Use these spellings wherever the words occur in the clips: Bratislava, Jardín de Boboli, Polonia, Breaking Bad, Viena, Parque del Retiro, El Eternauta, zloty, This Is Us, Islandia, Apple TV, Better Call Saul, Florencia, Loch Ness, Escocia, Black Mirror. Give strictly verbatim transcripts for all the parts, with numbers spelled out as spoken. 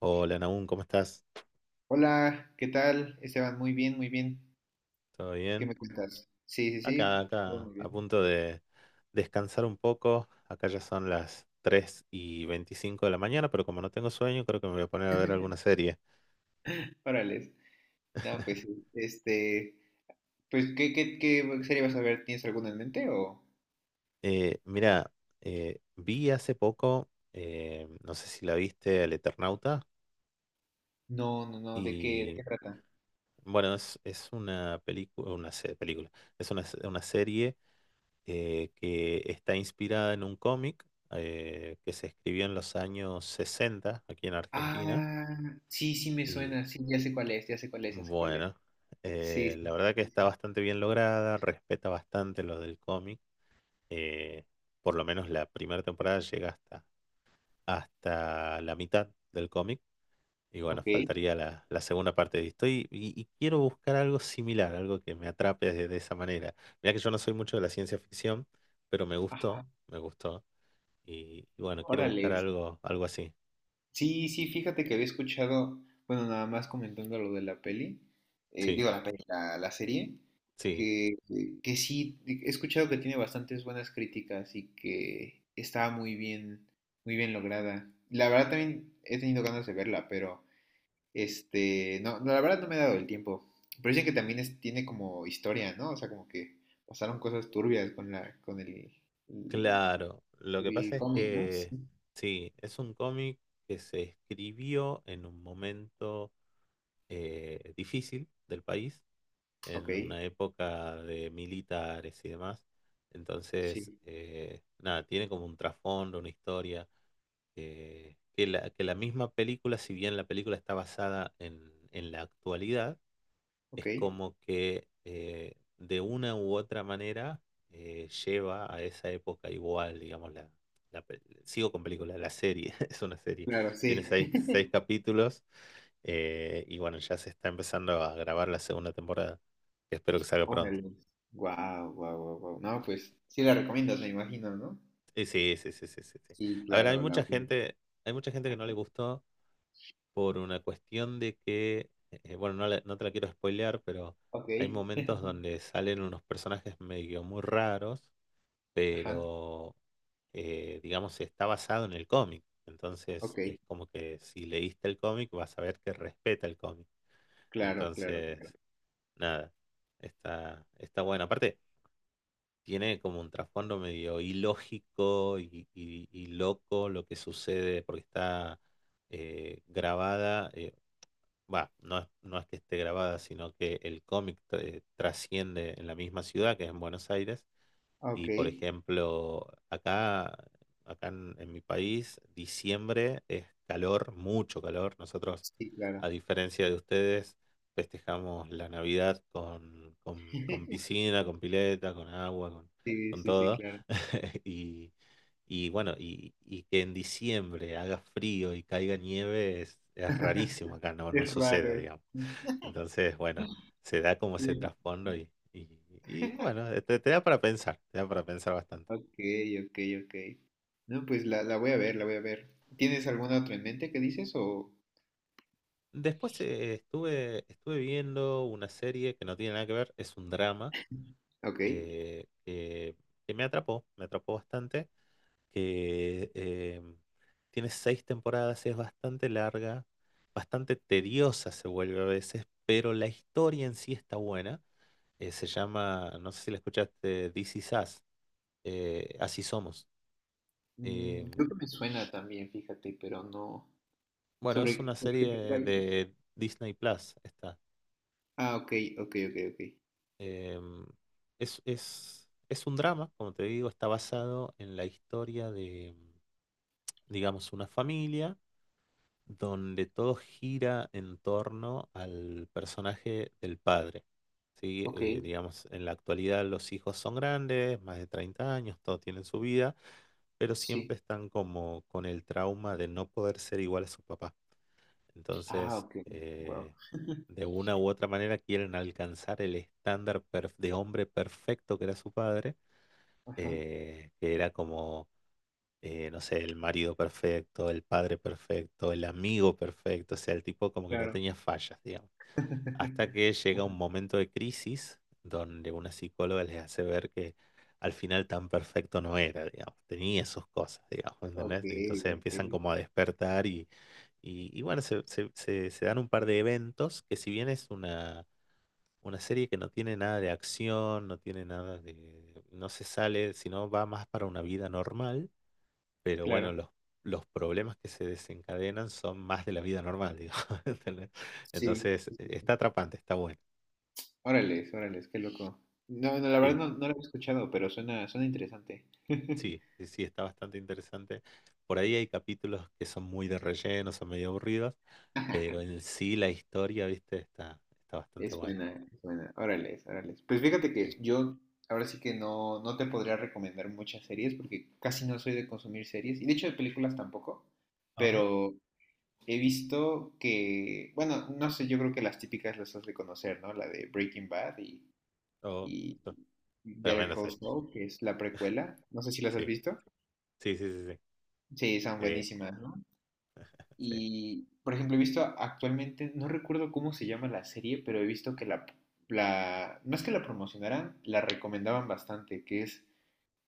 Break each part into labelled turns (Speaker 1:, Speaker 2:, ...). Speaker 1: Hola Nahum, ¿cómo estás?
Speaker 2: Hola, ¿qué tal? Esteban, muy bien, muy bien.
Speaker 1: ¿Todo
Speaker 2: ¿Qué
Speaker 1: bien?
Speaker 2: me cuentas? Sí, sí,
Speaker 1: Acá,
Speaker 2: sí. Todo
Speaker 1: acá,
Speaker 2: muy
Speaker 1: a
Speaker 2: bien.
Speaker 1: punto de descansar un poco. Acá ya son las tres y veinticinco de la mañana, pero como no tengo sueño, creo que me voy a poner a ver alguna serie.
Speaker 2: Órale. No, pues sí. Este, pues, ¿qué, qué, qué serie vas a ver? ¿Tienes alguna en mente o...?
Speaker 1: Eh, mira, eh, vi hace poco, eh, no sé si la viste, El Eternauta,
Speaker 2: No, no, no, ¿de qué, de
Speaker 1: y
Speaker 2: qué trata?
Speaker 1: bueno, es, es una película, una se- película, es una, se- una serie eh, que está inspirada en un cómic eh, que se escribió en los años sesenta aquí en Argentina.
Speaker 2: Ah, sí, sí me
Speaker 1: Y
Speaker 2: suena, sí, ya sé cuál es, ya sé cuál es, ya sé cuál es.
Speaker 1: bueno,
Speaker 2: Sí,
Speaker 1: eh,
Speaker 2: sí,
Speaker 1: la
Speaker 2: sí,
Speaker 1: verdad que
Speaker 2: sí, sí.
Speaker 1: está bastante bien lograda, respeta bastante lo del cómic. eh, por lo menos la primera temporada llega hasta, hasta la mitad del cómic. Y bueno,
Speaker 2: Ok.
Speaker 1: faltaría la, la segunda parte de esto. Y, y- y quiero buscar algo similar, algo que me atrape de, de esa manera. Mira que yo no soy mucho de la ciencia ficción, pero me gustó,
Speaker 2: Ajá,
Speaker 1: me gustó. Y, y bueno, quiero buscar
Speaker 2: órale.
Speaker 1: algo, algo así.
Speaker 2: Sí, sí, fíjate que había escuchado, bueno, nada más comentando lo de la peli, eh,
Speaker 1: Sí,
Speaker 2: digo, la peli, la, la serie,
Speaker 1: sí,
Speaker 2: que, eh, que sí, he escuchado que tiene bastantes buenas críticas y que estaba muy bien, muy bien lograda. La verdad también he tenido ganas de verla, pero este, no, no, la verdad no me he dado el tiempo. Pero dicen que también es- tiene como historia, ¿no? O sea, como que pasaron cosas turbias con la, con el, el,
Speaker 1: claro. Lo que
Speaker 2: el
Speaker 1: pasa es
Speaker 2: cómic, ¿no? Sí.
Speaker 1: que sí, es un cómic que se escribió en un momento eh, difícil del país,
Speaker 2: Ok,
Speaker 1: en una época de militares y demás. Entonces,
Speaker 2: sí,
Speaker 1: eh, nada, tiene como un trasfondo, una historia, eh, que la, que la misma película, si bien la película está basada en en la actualidad,
Speaker 2: ok.
Speaker 1: es como que eh, de una u otra manera eh, lleva a esa época igual, digamos, la, la pe- sigo con película, la serie, es una serie,
Speaker 2: Claro,
Speaker 1: tiene
Speaker 2: sí.
Speaker 1: seis, seis capítulos eh, y bueno, ya se está empezando a grabar la segunda temporada, que espero que salga pronto.
Speaker 2: Órale. Guau, guau, guau, guau. No, pues sí la recomiendas, me imagino, ¿no?
Speaker 1: Y sí, sí, sí, sí, sí, sí.
Speaker 2: Sí,
Speaker 1: A ver, hay
Speaker 2: claro, la
Speaker 1: mucha
Speaker 2: voy- a-
Speaker 1: gente, hay mucha gente que no le gustó por una cuestión de que, eh, bueno, no, la- no te la quiero spoilear, pero
Speaker 2: Ok.
Speaker 1: hay momentos donde salen unos personajes medio muy raros
Speaker 2: Ajá.
Speaker 1: pero eh, digamos está basado en el cómic. Entonces
Speaker 2: Ok.
Speaker 1: es como que si leíste el cómic vas a ver que respeta el cómic.
Speaker 2: Claro, claro, claro.
Speaker 1: Entonces, nada, está, está bueno. Aparte, tiene como un trasfondo medio ilógico y, y- y loco lo que sucede porque está eh, grabada. eh, Va, no es, no es que esté grabada, sino que el cómic eh, trasciende en la misma ciudad, que es en Buenos Aires,
Speaker 2: Ok.
Speaker 1: y por ejemplo, acá, acá en, en mi país, diciembre es calor, mucho calor. Nosotros,
Speaker 2: Sí, claro.
Speaker 1: a diferencia de ustedes, festejamos la Navidad con, con- con piscina, con pileta, con agua, con,
Speaker 2: Sí,
Speaker 1: con
Speaker 2: sí, sí,
Speaker 1: todo.
Speaker 2: claro.
Speaker 1: Y, y bueno, y, y que en diciembre haga frío y caiga nieve es, es rarísimo acá, no, no
Speaker 2: Es
Speaker 1: sucede,
Speaker 2: raro.
Speaker 1: digamos. Entonces, bueno, se da como ese
Speaker 2: Sí.
Speaker 1: trasfondo y, y, y, bueno, eh, te, te da para pensar, te da para pensar bastante.
Speaker 2: Ok, ok, ok. No, pues la, la voy a ver, la voy a ver. ¿Tienes alguna otra en mente que dices o...?
Speaker 1: Después eh, estuve, estuve viendo una serie que no tiene nada que ver, es un drama
Speaker 2: Ok.
Speaker 1: eh, que, que me atrapó, me atrapó bastante, que eh, tiene seis temporadas, es bastante larga, bastante tediosa se vuelve a veces, pero la historia en sí está buena. Eh, se llama, no sé si la escuchaste, This Is Us, eh, Así Somos. Eh,
Speaker 2: Mm, creo que me suena también, fíjate, pero no.
Speaker 1: bueno, es una
Speaker 2: ¿Sobre, sobre
Speaker 1: serie
Speaker 2: qué trata?
Speaker 1: de Disney Plus, está.
Speaker 2: Ah, ok, ok, ok, ok.
Speaker 1: Eh, es, es, es un drama, como te digo, está basado en la historia de, digamos, una familia donde todo gira en torno al personaje del padre. ¿Sí?
Speaker 2: Ok,
Speaker 1: Eh, digamos, en la actualidad los hijos son grandes, más de treinta años, todos tienen su vida, pero
Speaker 2: sí.
Speaker 1: siempre están como con el trauma de no poder ser igual a su papá.
Speaker 2: Ah,
Speaker 1: Entonces,
Speaker 2: ok. Wow.
Speaker 1: eh, de una u otra manera quieren alcanzar el estándar perf- de hombre perfecto que era su padre,
Speaker 2: Ajá,
Speaker 1: eh, que era como, eh, no sé, el marido perfecto, el padre perfecto, el amigo perfecto, o sea, el tipo como que no
Speaker 2: claro.
Speaker 1: tenía fallas, digamos. Hasta que llega
Speaker 2: Ajá,
Speaker 1: un momento de crisis donde una psicóloga les hace ver que al final tan perfecto no era, digamos, tenía sus cosas, digamos,
Speaker 2: ok,
Speaker 1: ¿entendés? Entonces
Speaker 2: ok,
Speaker 1: empiezan como a despertar y, y, y bueno, se, se- se- se dan un par de eventos que si bien es una, una serie que no tiene nada de acción, no tiene nada de, no se sale, sino va más para una vida normal, pero bueno,
Speaker 2: claro.
Speaker 1: los, los problemas que se desencadenan son más de la vida normal, digamos, ¿entendés?
Speaker 2: Sí,
Speaker 1: Entonces
Speaker 2: sí,
Speaker 1: está
Speaker 2: sí.
Speaker 1: atrapante, está bueno.
Speaker 2: Órales, órales, qué loco. No, no, la verdad
Speaker 1: Sí,
Speaker 2: no, no lo he escuchado, pero suena, suena interesante.
Speaker 1: sí, sí, sí, está bastante interesante. Por ahí hay capítulos que son muy de relleno, son medio aburridos, pero en sí la historia, viste, está, está bastante
Speaker 2: Es
Speaker 1: buena.
Speaker 2: buena, es buena. Órales, órales. Pues fíjate que
Speaker 1: Sí.
Speaker 2: yo ahora sí que no, no te podría recomendar muchas series porque casi no soy de consumir series y de hecho de películas tampoco,
Speaker 1: Ajá.
Speaker 2: pero he visto que, bueno, no sé, yo creo que las típicas las has de conocer, ¿no? La de Breaking Bad y,
Speaker 1: Oh,
Speaker 2: y
Speaker 1: oh,
Speaker 2: Better
Speaker 1: tremenda
Speaker 2: Call
Speaker 1: serie.
Speaker 2: Saul, que es la precuela. No sé si las has
Speaker 1: Sí,
Speaker 2: visto.
Speaker 1: sí, sí, sí, sí.
Speaker 2: Sí, son
Speaker 1: Sí,
Speaker 2: buenísimas, ¿no?
Speaker 1: sí.
Speaker 2: Y, por ejemplo, he visto actualmente, no recuerdo cómo se llama la serie, pero he visto que la, la, no es que la promocionaran, la recomendaban bastante, que es,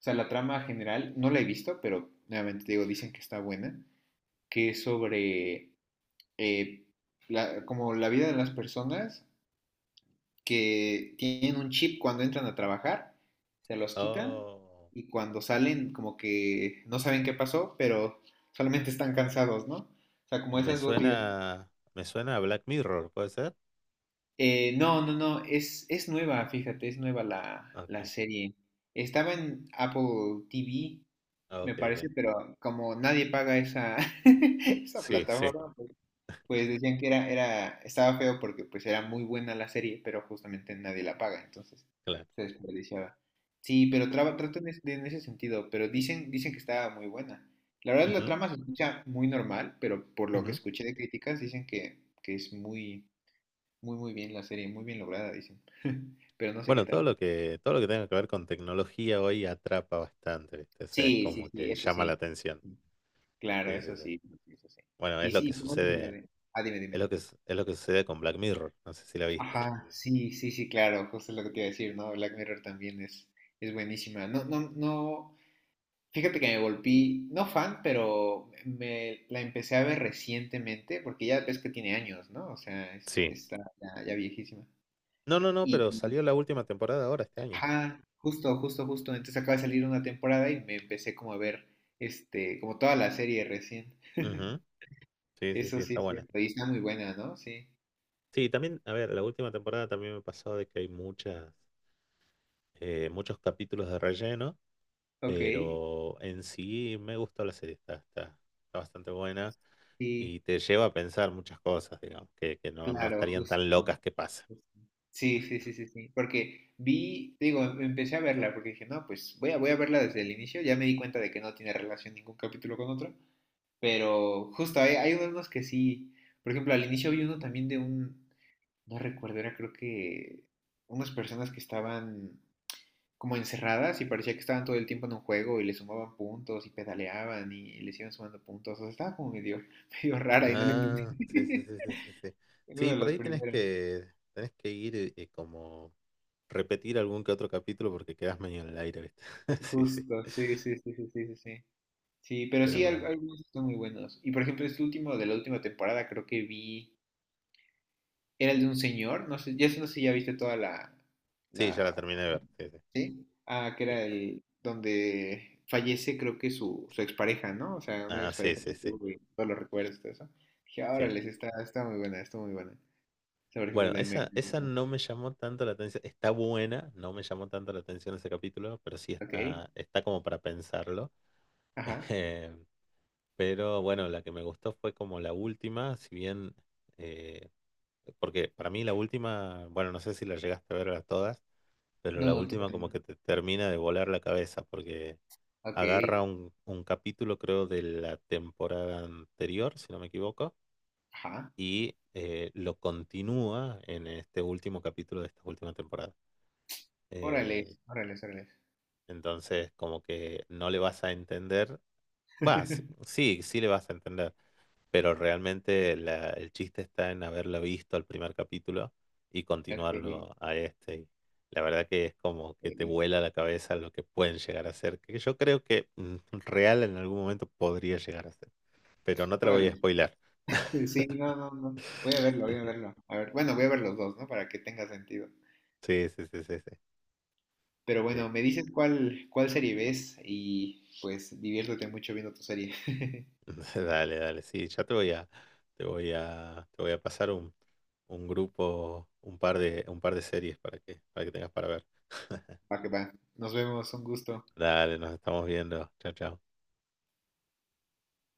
Speaker 2: o sea, la trama general, no la he visto, pero nuevamente te digo, dicen que está buena, que es sobre eh, la- como la vida de las personas que tienen un chip cuando entran a trabajar, se los quitan
Speaker 1: Oh,
Speaker 2: y cuando salen como que no saben qué pasó, pero solamente están cansados, ¿no? O sea, como
Speaker 1: me
Speaker 2: esas dos vidas.
Speaker 1: suena, me suena a Black Mirror, ¿puede ser?
Speaker 2: Eh, no, no, no, es, es nueva, fíjate, es nueva la, la
Speaker 1: Okay,
Speaker 2: serie. Estaba en Apple T V, me
Speaker 1: okay, okay.
Speaker 2: parece, pero como nadie paga esa, esa
Speaker 1: Sí, sí,
Speaker 2: plataforma, pues decían que era, era, estaba feo porque pues era muy buena la serie, pero justamente nadie la paga, entonces
Speaker 1: claro.
Speaker 2: se desperdiciaba. Sí, pero traba, tratan es- de- en ese sentido, pero dicen, dicen que estaba muy buena. La verdad la
Speaker 1: Ujú,
Speaker 2: trama se escucha muy normal, pero por lo que
Speaker 1: ujú.
Speaker 2: escuché de críticas dicen que, que es muy, muy, muy bien la serie, muy bien lograda, dicen. Pero no sé qué
Speaker 1: Bueno, todo
Speaker 2: tal.
Speaker 1: lo que, todo lo que tenga que ver con tecnología hoy atrapa bastante, ¿viste? O sea, es
Speaker 2: Sí, sí,
Speaker 1: como
Speaker 2: sí,
Speaker 1: que
Speaker 2: eso
Speaker 1: llama la
Speaker 2: sí.
Speaker 1: atención.
Speaker 2: Claro,
Speaker 1: Sí, sí,
Speaker 2: eso
Speaker 1: sí.
Speaker 2: sí, eso sí.
Speaker 1: Bueno,
Speaker 2: Y
Speaker 1: es lo que
Speaker 2: sí, ¿cómo es la
Speaker 1: sucede,
Speaker 2: de- Ah, dime, dime.
Speaker 1: es lo que, es es lo que sucede con Black Mirror, no sé si la viste.
Speaker 2: Ajá, sí, sí, sí, claro, justo lo que te iba a decir, ¿no? Black Mirror también es, es buenísima. No, no, no, fíjate que me volví, no fan, pero me la empecé a ver recientemente, porque ya ves que tiene años, ¿no? O sea, es,
Speaker 1: Sí.
Speaker 2: está ya, ya viejísima.
Speaker 1: No, no, no, pero
Speaker 2: Y,
Speaker 1: salió la última temporada ahora este año.
Speaker 2: ajá, justo, justo, justo. Entonces acaba de salir una temporada y me empecé como a ver, este, como toda la serie recién.
Speaker 1: Ujú. Sí, sí,
Speaker 2: Eso
Speaker 1: sí,
Speaker 2: sí
Speaker 1: está
Speaker 2: es
Speaker 1: buena.
Speaker 2: cierto, y está muy buena, ¿no? Sí.
Speaker 1: Sí, también, a ver, la última temporada también me pasó de que hay muchas, eh, muchos capítulos de relleno,
Speaker 2: Ok,
Speaker 1: pero en sí me gustó la serie, está, está, está bastante buena
Speaker 2: sí.
Speaker 1: y te lleva a pensar muchas cosas, digamos, que, que no, no
Speaker 2: Claro,
Speaker 1: estarían tan
Speaker 2: justo,
Speaker 1: locas que pasen.
Speaker 2: justo. Sí, sí, sí, sí, sí. Porque vi, te digo, em- empecé a verla porque dije, no, pues voy a, voy a verla desde el inicio. Ya me di cuenta de que no tiene relación ningún capítulo con otro. Pero justo hay, hay unos que sí. Por ejemplo, al inicio vi uno también de un, no recuerdo, era creo que unas personas que estaban como encerradas y parecía que estaban todo el tiempo en un juego y le sumaban puntos y pedaleaban y, les iban sumando puntos. O sea, estaba como medio, medio rara y no la entendí.
Speaker 1: Ah, sí, sí, sí, sí, sí, sí.
Speaker 2: En uno
Speaker 1: Sí,
Speaker 2: de
Speaker 1: por
Speaker 2: los
Speaker 1: ahí tenés
Speaker 2: primeros.
Speaker 1: que, tenés que ir eh, eh, como repetir algún que otro capítulo porque quedás medio en el aire, ¿viste? Sí, sí.
Speaker 2: Justo, sí, sí, sí, sí, sí, sí, sí, sí, pero
Speaker 1: Pero
Speaker 2: sí, al-
Speaker 1: bueno.
Speaker 2: algunos están muy buenos. Y por ejemplo, este último de la última temporada creo que vi, era el de un señor, no sé, ya sé- no sé si ya viste toda la,
Speaker 1: Sí, ya la
Speaker 2: la,
Speaker 1: terminé de ver. Sí, sí,
Speaker 2: ¿sí? Ah, que
Speaker 1: sí.
Speaker 2: era el, donde fallece creo que su, su expareja, ¿no? O sea, una
Speaker 1: Ah, sí,
Speaker 2: expareja
Speaker 1: sí,
Speaker 2: que
Speaker 1: sí.
Speaker 2: tuvo y todos los recuerdos y todo eso. Dije,
Speaker 1: Sí.
Speaker 2: órale, sí, está, está muy buena, está muy buena. O sea, por ejemplo,
Speaker 1: Bueno,
Speaker 2: de me,
Speaker 1: esa,
Speaker 2: me
Speaker 1: esa
Speaker 2: gustó.
Speaker 1: no me llamó tanto la atención. Está buena, no me llamó tanto la atención ese capítulo, pero sí
Speaker 2: Ok,
Speaker 1: está, está como para pensarlo.
Speaker 2: ajá.
Speaker 1: Eh, Pero bueno, la que me gustó fue como la última, si bien. eh, Porque para mí la última, bueno, no sé si la llegaste a ver a todas, pero
Speaker 2: No,
Speaker 1: la
Speaker 2: no,
Speaker 1: última
Speaker 2: todavía
Speaker 1: como
Speaker 2: no.
Speaker 1: que te termina de volar la cabeza, porque
Speaker 2: Ok,
Speaker 1: agarra un, un capítulo, creo, de la temporada anterior, si no me equivoco,
Speaker 2: ajá.
Speaker 1: y eh, lo continúa en este último capítulo de esta última temporada.
Speaker 2: Órale,
Speaker 1: Eh,
Speaker 2: órale, órale.
Speaker 1: entonces, como que no le vas a entender, vas, sí, sí le vas a entender, pero realmente la- el chiste está en haberlo visto al primer capítulo y
Speaker 2: Ok,
Speaker 1: continuarlo a este. Y la verdad que es como que
Speaker 2: ok.
Speaker 1: te vuela la cabeza lo que pueden llegar a ser, que yo creo que mm, real en algún momento podría llegar a ser, pero no te lo voy a
Speaker 2: Órale.
Speaker 1: spoilar.
Speaker 2: Sí, no, no, no. Voy a verlo, voy a verlo. A ver, bueno, voy a ver los dos, ¿no? Para que tenga sentido.
Speaker 1: Sí, sí, sí, sí, sí.
Speaker 2: Pero
Speaker 1: Sí.
Speaker 2: bueno, me dices cuál, cuál serie ves y pues diviértete mucho viendo tu serie.
Speaker 1: Dale, dale, sí, ya te voy a, te voy a, te voy a pasar un, un grupo, un par de, un par de series para que, para que tengas para ver.
Speaker 2: Va que va. Nos vemos, un gusto.
Speaker 1: Dale, nos estamos viendo. Chao, chao.